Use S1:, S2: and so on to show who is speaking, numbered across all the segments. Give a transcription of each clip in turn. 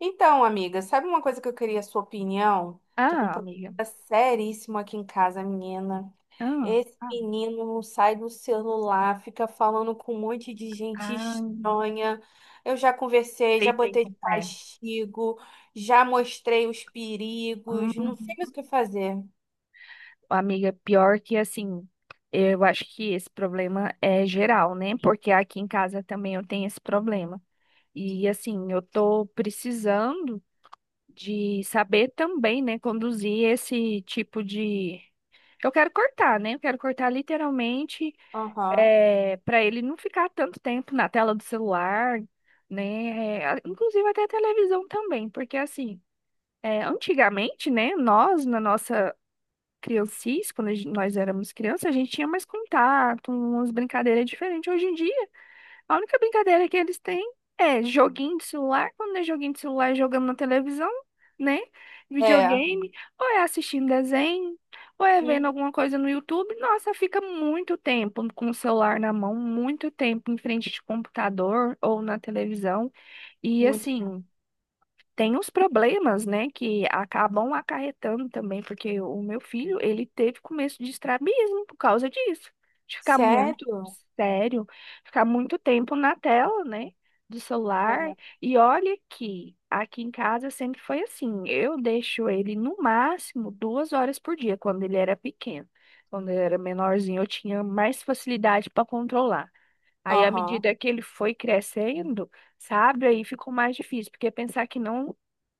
S1: Então, amiga, sabe uma coisa que eu queria a sua opinião? Tô com um
S2: Ah,
S1: problema
S2: amiga.
S1: seríssimo aqui em casa, menina.
S2: Ah,
S1: Esse
S2: ah,
S1: menino não sai do celular, fica falando com um monte de gente
S2: ah,
S1: estranha. Eu já conversei,
S2: sei
S1: já
S2: bem
S1: botei de
S2: como é.
S1: castigo, já mostrei os
S2: Hum,
S1: perigos, não sei mais o que fazer.
S2: amiga, pior que assim, eu acho que esse problema é geral, né? Porque aqui em casa também eu tenho esse problema. E assim, eu tô precisando de saber também, né, conduzir esse tipo de. Eu quero cortar, né? Eu quero cortar literalmente,
S1: Aham.
S2: é, para ele não ficar tanto tempo na tela do celular, né? É, inclusive até a televisão também, porque assim. É, antigamente, né, nós, na nossa criancice, quando nós éramos crianças, a gente tinha mais contato, umas brincadeiras diferentes. Hoje em dia, a única brincadeira que eles têm é joguinho de celular, quando é joguinho de celular, é jogando na televisão, né?
S1: É.
S2: Videogame, ou é assistindo desenho, ou é vendo
S1: Hum,
S2: alguma coisa no YouTube. Nossa, fica muito tempo com o celular na mão, muito tempo em frente de computador ou na televisão. E
S1: muito.
S2: assim tem os problemas, né, que acabam acarretando também, porque o meu filho, ele teve começo de estrabismo por causa disso, de ficar muito
S1: Sério?
S2: sério, ficar muito tempo na tela, né, do celular.
S1: É.
S2: E olha que aqui em casa sempre foi assim, eu deixo ele no máximo duas horas por dia, quando ele era pequeno. Quando ele era menorzinho, eu tinha mais facilidade para controlar. Aí, à
S1: Aham.
S2: medida que ele foi crescendo, sabe? Aí ficou mais difícil, porque pensar que não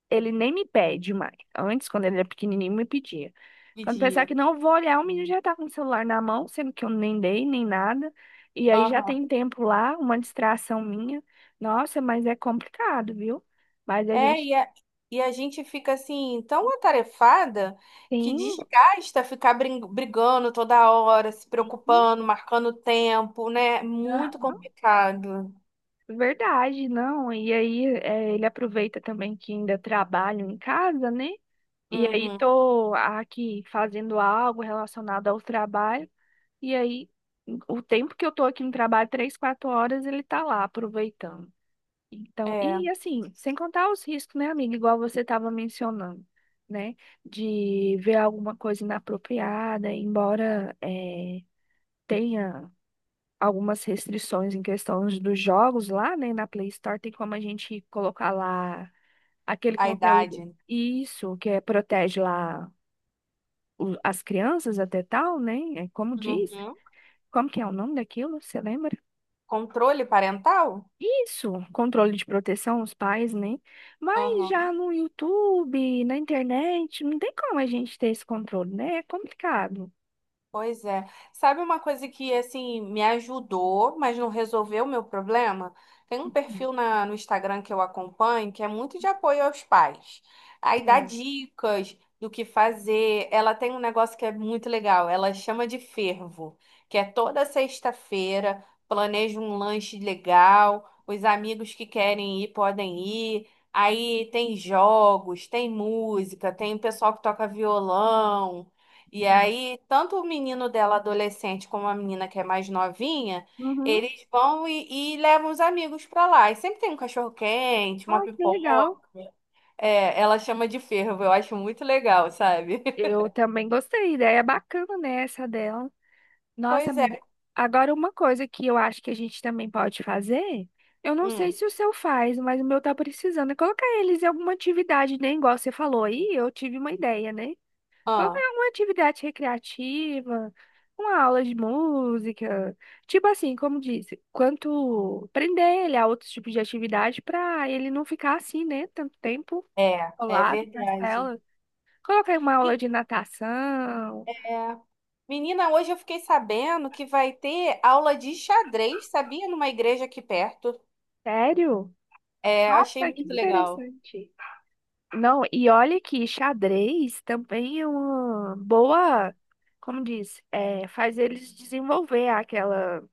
S2: ele nem me pede mais. Antes, quando ele era pequenininho, me pedia.
S1: De
S2: Quando pensar
S1: dia.
S2: que não eu vou olhar, o menino já tá com o celular na mão, sendo que eu nem dei, nem nada. E aí já tem tempo lá, uma distração minha. Nossa, mas é complicado, viu? Mas a
S1: É,
S2: gente
S1: e a gente fica assim, tão atarefada que
S2: tem.
S1: desgasta ficar brigando toda hora, se preocupando, marcando tempo, né? É
S2: Ah,
S1: muito complicado.
S2: verdade, não. E aí é, ele aproveita também que ainda trabalho em casa, né? E aí
S1: Uhum,
S2: tô aqui fazendo algo relacionado ao trabalho. E aí, o tempo que eu tô aqui no trabalho, três, quatro horas, ele tá lá aproveitando. Então,
S1: é,
S2: e assim, sem contar os riscos, né, amiga? Igual você estava mencionando, né? De ver alguma coisa inapropriada, embora tenha algumas restrições em questão dos jogos lá, né? Na Play Store, tem como a gente colocar lá aquele
S1: a
S2: conteúdo.
S1: idade.
S2: Isso, que é, protege lá as crianças até tal, né? É como
S1: Uhum.
S2: diz. Como que é o nome daquilo? Você lembra?
S1: Controle parental?
S2: Isso, controle de proteção, os pais, né? Mas já no YouTube, na internet, não tem como a gente ter esse controle, né? É complicado.
S1: Pois é. Sabe uma coisa que assim me ajudou, mas não resolveu o meu problema? Tem um perfil no Instagram que eu acompanho que é muito de apoio aos pais. Aí dá
S2: Sim,
S1: dicas do que fazer. Ela tem um negócio que é muito legal, ela chama de fervo, que é toda sexta-feira, planeja um lanche legal, os amigos que querem ir podem ir. Aí tem jogos, tem música, tem o pessoal que toca violão. E
S2: sim.
S1: aí, tanto o menino dela adolescente como a menina que é mais novinha,
S2: Uhum.
S1: eles vão e levam os amigos pra lá. E sempre tem um cachorro-quente, uma
S2: Ah, que legal.
S1: pipoca. É, ela chama de fervo, eu acho muito legal, sabe?
S2: Eu também gostei, ideia é bacana, né, essa dela. Nossa,
S1: Pois é.
S2: amiga. Agora, uma coisa que eu acho que a gente também pode fazer, eu não
S1: Hum,
S2: sei se o seu faz, mas o meu tá precisando, é colocar eles em alguma atividade, né? Igual você falou aí, eu tive uma ideia, né? Qualquer
S1: ah,
S2: uma atividade recreativa, uma aula de música, tipo assim, como disse, quanto prender ele a outros tipos de atividade para ele não ficar assim, né, tanto tempo
S1: é, é
S2: colado nas
S1: verdade.
S2: telas. Coloquei uma aula
S1: E-
S2: de natação.
S1: É. Menina, hoje eu fiquei sabendo que vai ter aula de xadrez, sabia? Numa igreja aqui perto.
S2: Sério?
S1: É, achei
S2: Nossa, que
S1: muito legal.
S2: interessante. Não, e olha que xadrez também é uma boa, como diz, é, faz eles desenvolver aquela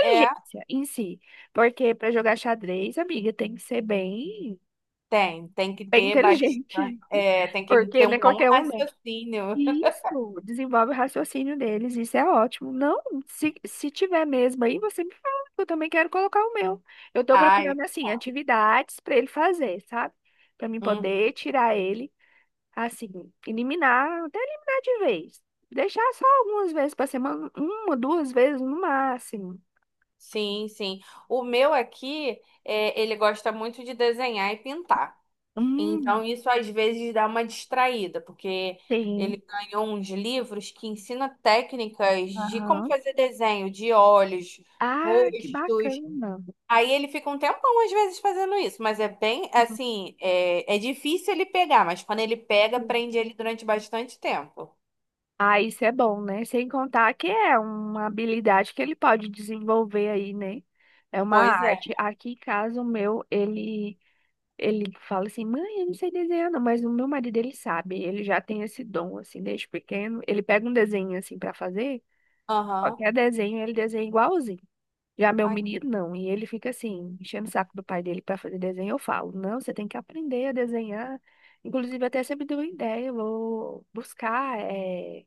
S1: É
S2: em si. Porque para jogar xadrez, amiga, tem que ser bem,
S1: tem, tem que
S2: bem
S1: ter
S2: inteligente.
S1: bastante, é, tem que
S2: Porque
S1: ter
S2: não
S1: um
S2: é
S1: bom
S2: qualquer um, não.
S1: raciocínio.
S2: Isso, desenvolve o raciocínio deles, isso é ótimo. Não, se tiver mesmo aí, você me fala, que eu também quero colocar o meu. Eu tô
S1: Ai,
S2: procurando, assim,
S1: tá.
S2: atividades para ele fazer, sabe? Para mim
S1: Uhum.
S2: poder tirar ele, assim, eliminar, até eliminar de vez. Deixar só algumas vezes para semana, uma, duas vezes no máximo.
S1: Sim, sim. O meu aqui, é, ele gosta muito de desenhar e pintar. Então,
S2: Hum,
S1: isso às vezes dá uma distraída, porque ele
S2: sim.
S1: ganhou uns livros que ensina técnicas de como
S2: Aham.
S1: fazer desenho de olhos,
S2: Ah, que
S1: rostos.
S2: bacana.
S1: Aí ele fica um tempão às vezes fazendo isso, mas é bem assim, é difícil ele pegar, mas quando ele pega,
S2: Uhum.
S1: prende ele durante bastante tempo.
S2: Ah, isso é bom, né? Sem contar que é uma habilidade que ele pode desenvolver aí, né? É uma
S1: Pois é.
S2: arte. Aqui em casa, o meu, ele fala assim, mãe, eu não sei desenhar, não, mas o meu marido, ele sabe, ele já tem esse dom, assim, desde pequeno. Ele pega um desenho, assim, para fazer,
S1: Aham.
S2: qualquer desenho, ele desenha igualzinho. Já meu
S1: Aqui
S2: menino não, e ele fica assim, enchendo o saco do pai dele para fazer desenho. Eu falo, não, você tem que aprender a desenhar. Inclusive, até sempre deu ideia, eu vou buscar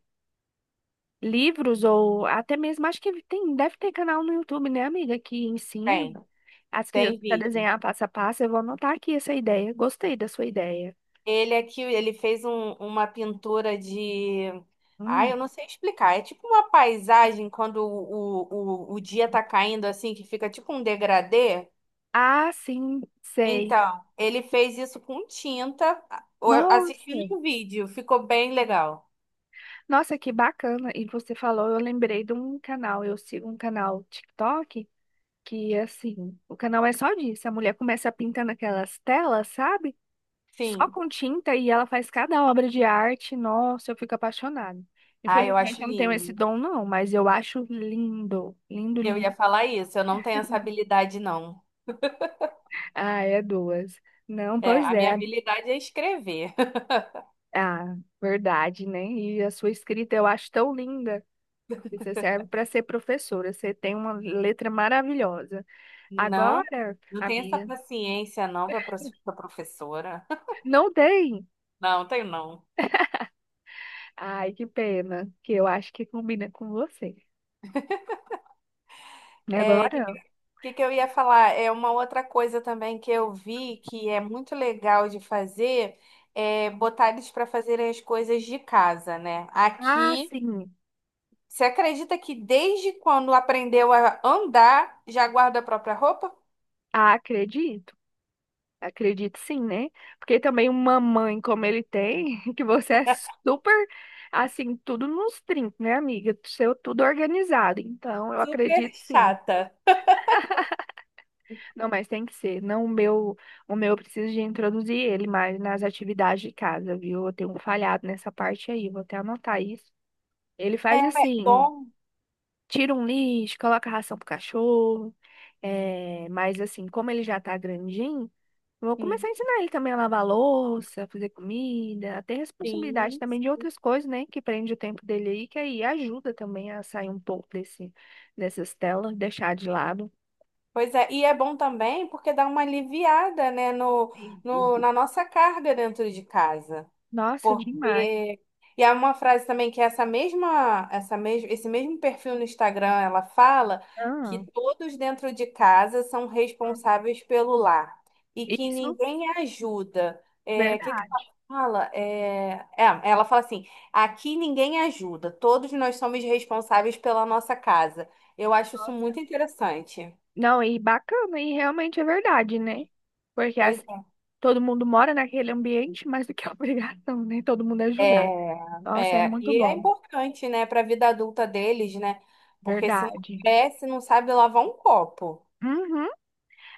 S2: livros ou até mesmo, acho que tem, deve ter canal no YouTube, né, amiga, que ensina
S1: tem,
S2: as
S1: tem
S2: crianças a
S1: vídeo.
S2: desenhar passo a passo. Eu vou anotar aqui essa ideia. Gostei da sua ideia.
S1: Ele aqui, ele fez uma pintura de. Ai,
S2: Hum.
S1: eu não sei explicar. É tipo uma paisagem quando o dia tá caindo assim, que fica tipo um degradê.
S2: Ah, sim, sei.
S1: Então, ele fez isso com tinta, assistindo
S2: Nossa,
S1: um vídeo. Ficou bem legal.
S2: nossa, que bacana. E você falou, eu lembrei de um canal, eu sigo um canal TikTok. Que assim, o canal é só disso. A mulher começa a pintar naquelas telas, sabe? Só
S1: Sim.
S2: com tinta e ela faz cada obra de arte. Nossa, eu fico apaixonada.
S1: Ah, eu
S2: Infelizmente
S1: acho
S2: eu não tenho esse
S1: lindo.
S2: dom não, mas eu acho lindo, lindo,
S1: Eu
S2: lindo.
S1: ia falar isso, eu não tenho essa habilidade, não.
S2: Ah, é duas. Não,
S1: É,
S2: pois
S1: a
S2: é.
S1: minha habilidade é escrever.
S2: Ah, verdade, né? E a sua escrita eu acho tão linda. Você serve para ser professora. Você tem uma letra maravilhosa.
S1: Não,
S2: Agora,
S1: não tenho essa
S2: amiga,
S1: paciência, não, para a professora.
S2: não tem.
S1: Não, tenho não.
S2: Ai, que pena, que eu acho que combina com você.
S1: É, o que,
S2: Agora?
S1: que que que eu ia falar? É uma outra coisa também que eu vi que é muito legal de fazer, é botar eles para fazerem as coisas de casa, né?
S2: Ah,
S1: Aqui,
S2: sim.
S1: você acredita que desde quando aprendeu a andar, já guarda a própria roupa?
S2: Ah, acredito. Acredito sim, né? Porque também uma mãe como ele tem, que você é super, assim, tudo nos trinques, né, amiga? Seu tudo organizado. Então, eu
S1: Super
S2: acredito sim.
S1: chata.
S2: Não, mas tem que ser. Não o meu, o meu eu preciso de introduzir ele mais nas atividades de casa, viu? Eu tenho falhado nessa parte aí, vou até anotar isso. Ele faz assim,
S1: Bom.
S2: tira um lixo, coloca ração pro cachorro. É, mas assim, como ele já tá grandinho, vou começar
S1: Hum,
S2: a ensinar ele também a lavar louça, fazer comida, a ter responsabilidade
S1: Sim.
S2: também de outras coisas, né? Que prende o tempo dele aí, que aí ajuda também a sair um pouco desse, dessas telas, deixar de lado.
S1: Pois é, e é bom também porque dá uma aliviada, né, no, no, na nossa carga dentro de casa.
S2: Nossa, demais.
S1: Porque e há uma frase também que é essa mesma, essa mesmo, esse mesmo perfil no Instagram, ela fala que
S2: Ah,
S1: todos dentro de casa são responsáveis pelo lar e que
S2: isso,
S1: ninguém ajuda. É, o que que ela
S2: verdade.
S1: fala? Ela fala assim: aqui ninguém ajuda, todos nós somos responsáveis pela nossa casa. Eu acho isso
S2: Nossa.
S1: muito interessante.
S2: Não, e bacana, e realmente é verdade, né? Porque
S1: Pois
S2: assim, todo mundo mora naquele ambiente, mas do que é obrigação, né? Todo mundo ajudar.
S1: é,
S2: Nossa, é muito
S1: e é
S2: bom.
S1: importante, né, para a vida adulta deles, né? Porque se não
S2: Verdade.
S1: cresce, não sabe lavar um copo.
S2: Uhum.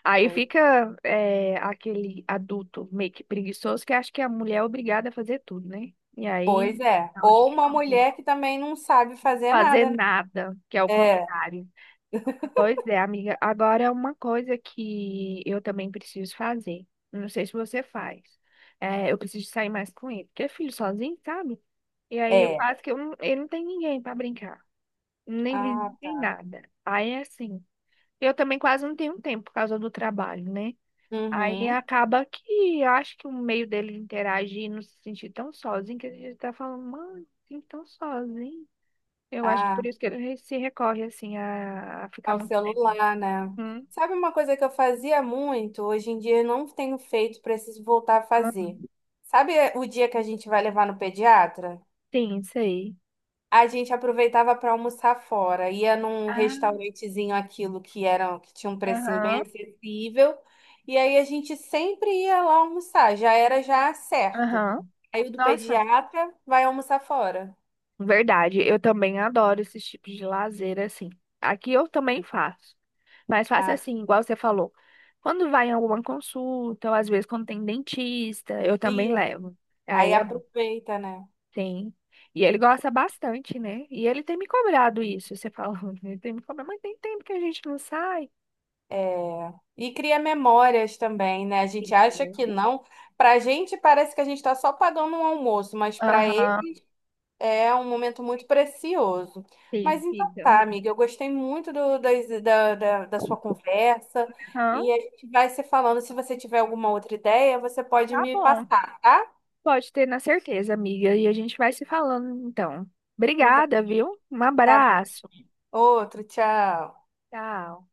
S2: Aí fica é, aquele adulto meio que preguiçoso que acha que a mulher é obrigada a fazer tudo, né? E
S1: Pois
S2: aí,
S1: é.
S2: aonde
S1: Ou
S2: que é
S1: uma
S2: conflito?
S1: mulher que também não sabe fazer
S2: Fazer
S1: nada, né?
S2: nada, que é o
S1: É,
S2: contrário. Pois é, amiga. Agora é uma coisa que eu também preciso fazer. Não sei se você faz. É, eu preciso sair mais com ele, porque é filho sozinho, sabe? E aí eu
S1: é.
S2: quase que eu não, ele não tem ninguém para brincar, nem
S1: Ah,
S2: vizinho, nem nada. Aí é assim. Eu também quase não tenho tempo por causa do trabalho, né? Aí
S1: uhum.
S2: acaba que acho que o meio dele interagir e não se sentir tão sozinho, que ele tá falando, mano, assim, tão sozinho. Eu acho que por
S1: Ah,
S2: isso que ele se recorre, assim, a ficar
S1: ao
S2: muito tempo.
S1: celular, né?
S2: Hum,
S1: Sabe uma coisa que eu fazia muito, hoje em dia eu não tenho feito, preciso voltar a fazer.
S2: hum.
S1: Sabe o dia que a gente vai levar no pediatra?
S2: Sim, isso aí.
S1: A gente aproveitava para almoçar fora, ia num
S2: Ah,
S1: restaurantezinho aquilo que era que tinha um precinho bem
S2: aham,
S1: acessível, e aí a gente sempre ia lá almoçar, já era já certo.
S2: aham.
S1: Aí o do
S2: Nossa,
S1: pediatra vai almoçar fora.
S2: verdade. Eu também adoro esses tipos de lazer, assim. Aqui eu também faço. Mas faço
S1: Ah,
S2: assim, igual você falou. Quando vai em alguma consulta, ou às vezes quando tem dentista, eu também
S1: isso.
S2: levo.
S1: Aí
S2: Aí é bom.
S1: aproveita, né?
S2: Sim. E ele gosta bastante, né? E ele tem me cobrado isso, você falando. Ele tem me cobrado, mas tem tempo que a gente não sai.
S1: É. E cria memórias também, né? A gente acha
S2: Isso.
S1: que não. Pra gente parece que a gente tá só pagando um almoço, mas para ele
S2: Aham,
S1: é um momento muito precioso.
S2: sim,
S1: Mas então
S2: fica.
S1: tá, amiga, eu gostei muito do, das- da, da, da sua conversa
S2: Aham.
S1: e a gente vai se falando. Se você tiver alguma outra ideia, você pode
S2: Tá
S1: me
S2: bom.
S1: passar, tá?
S2: Pode ter na certeza, amiga. E a gente vai se falando, então.
S1: Então
S2: Obrigada, viu? Um
S1: tá bom.
S2: abraço.
S1: Outro, tchau.
S2: Tchau.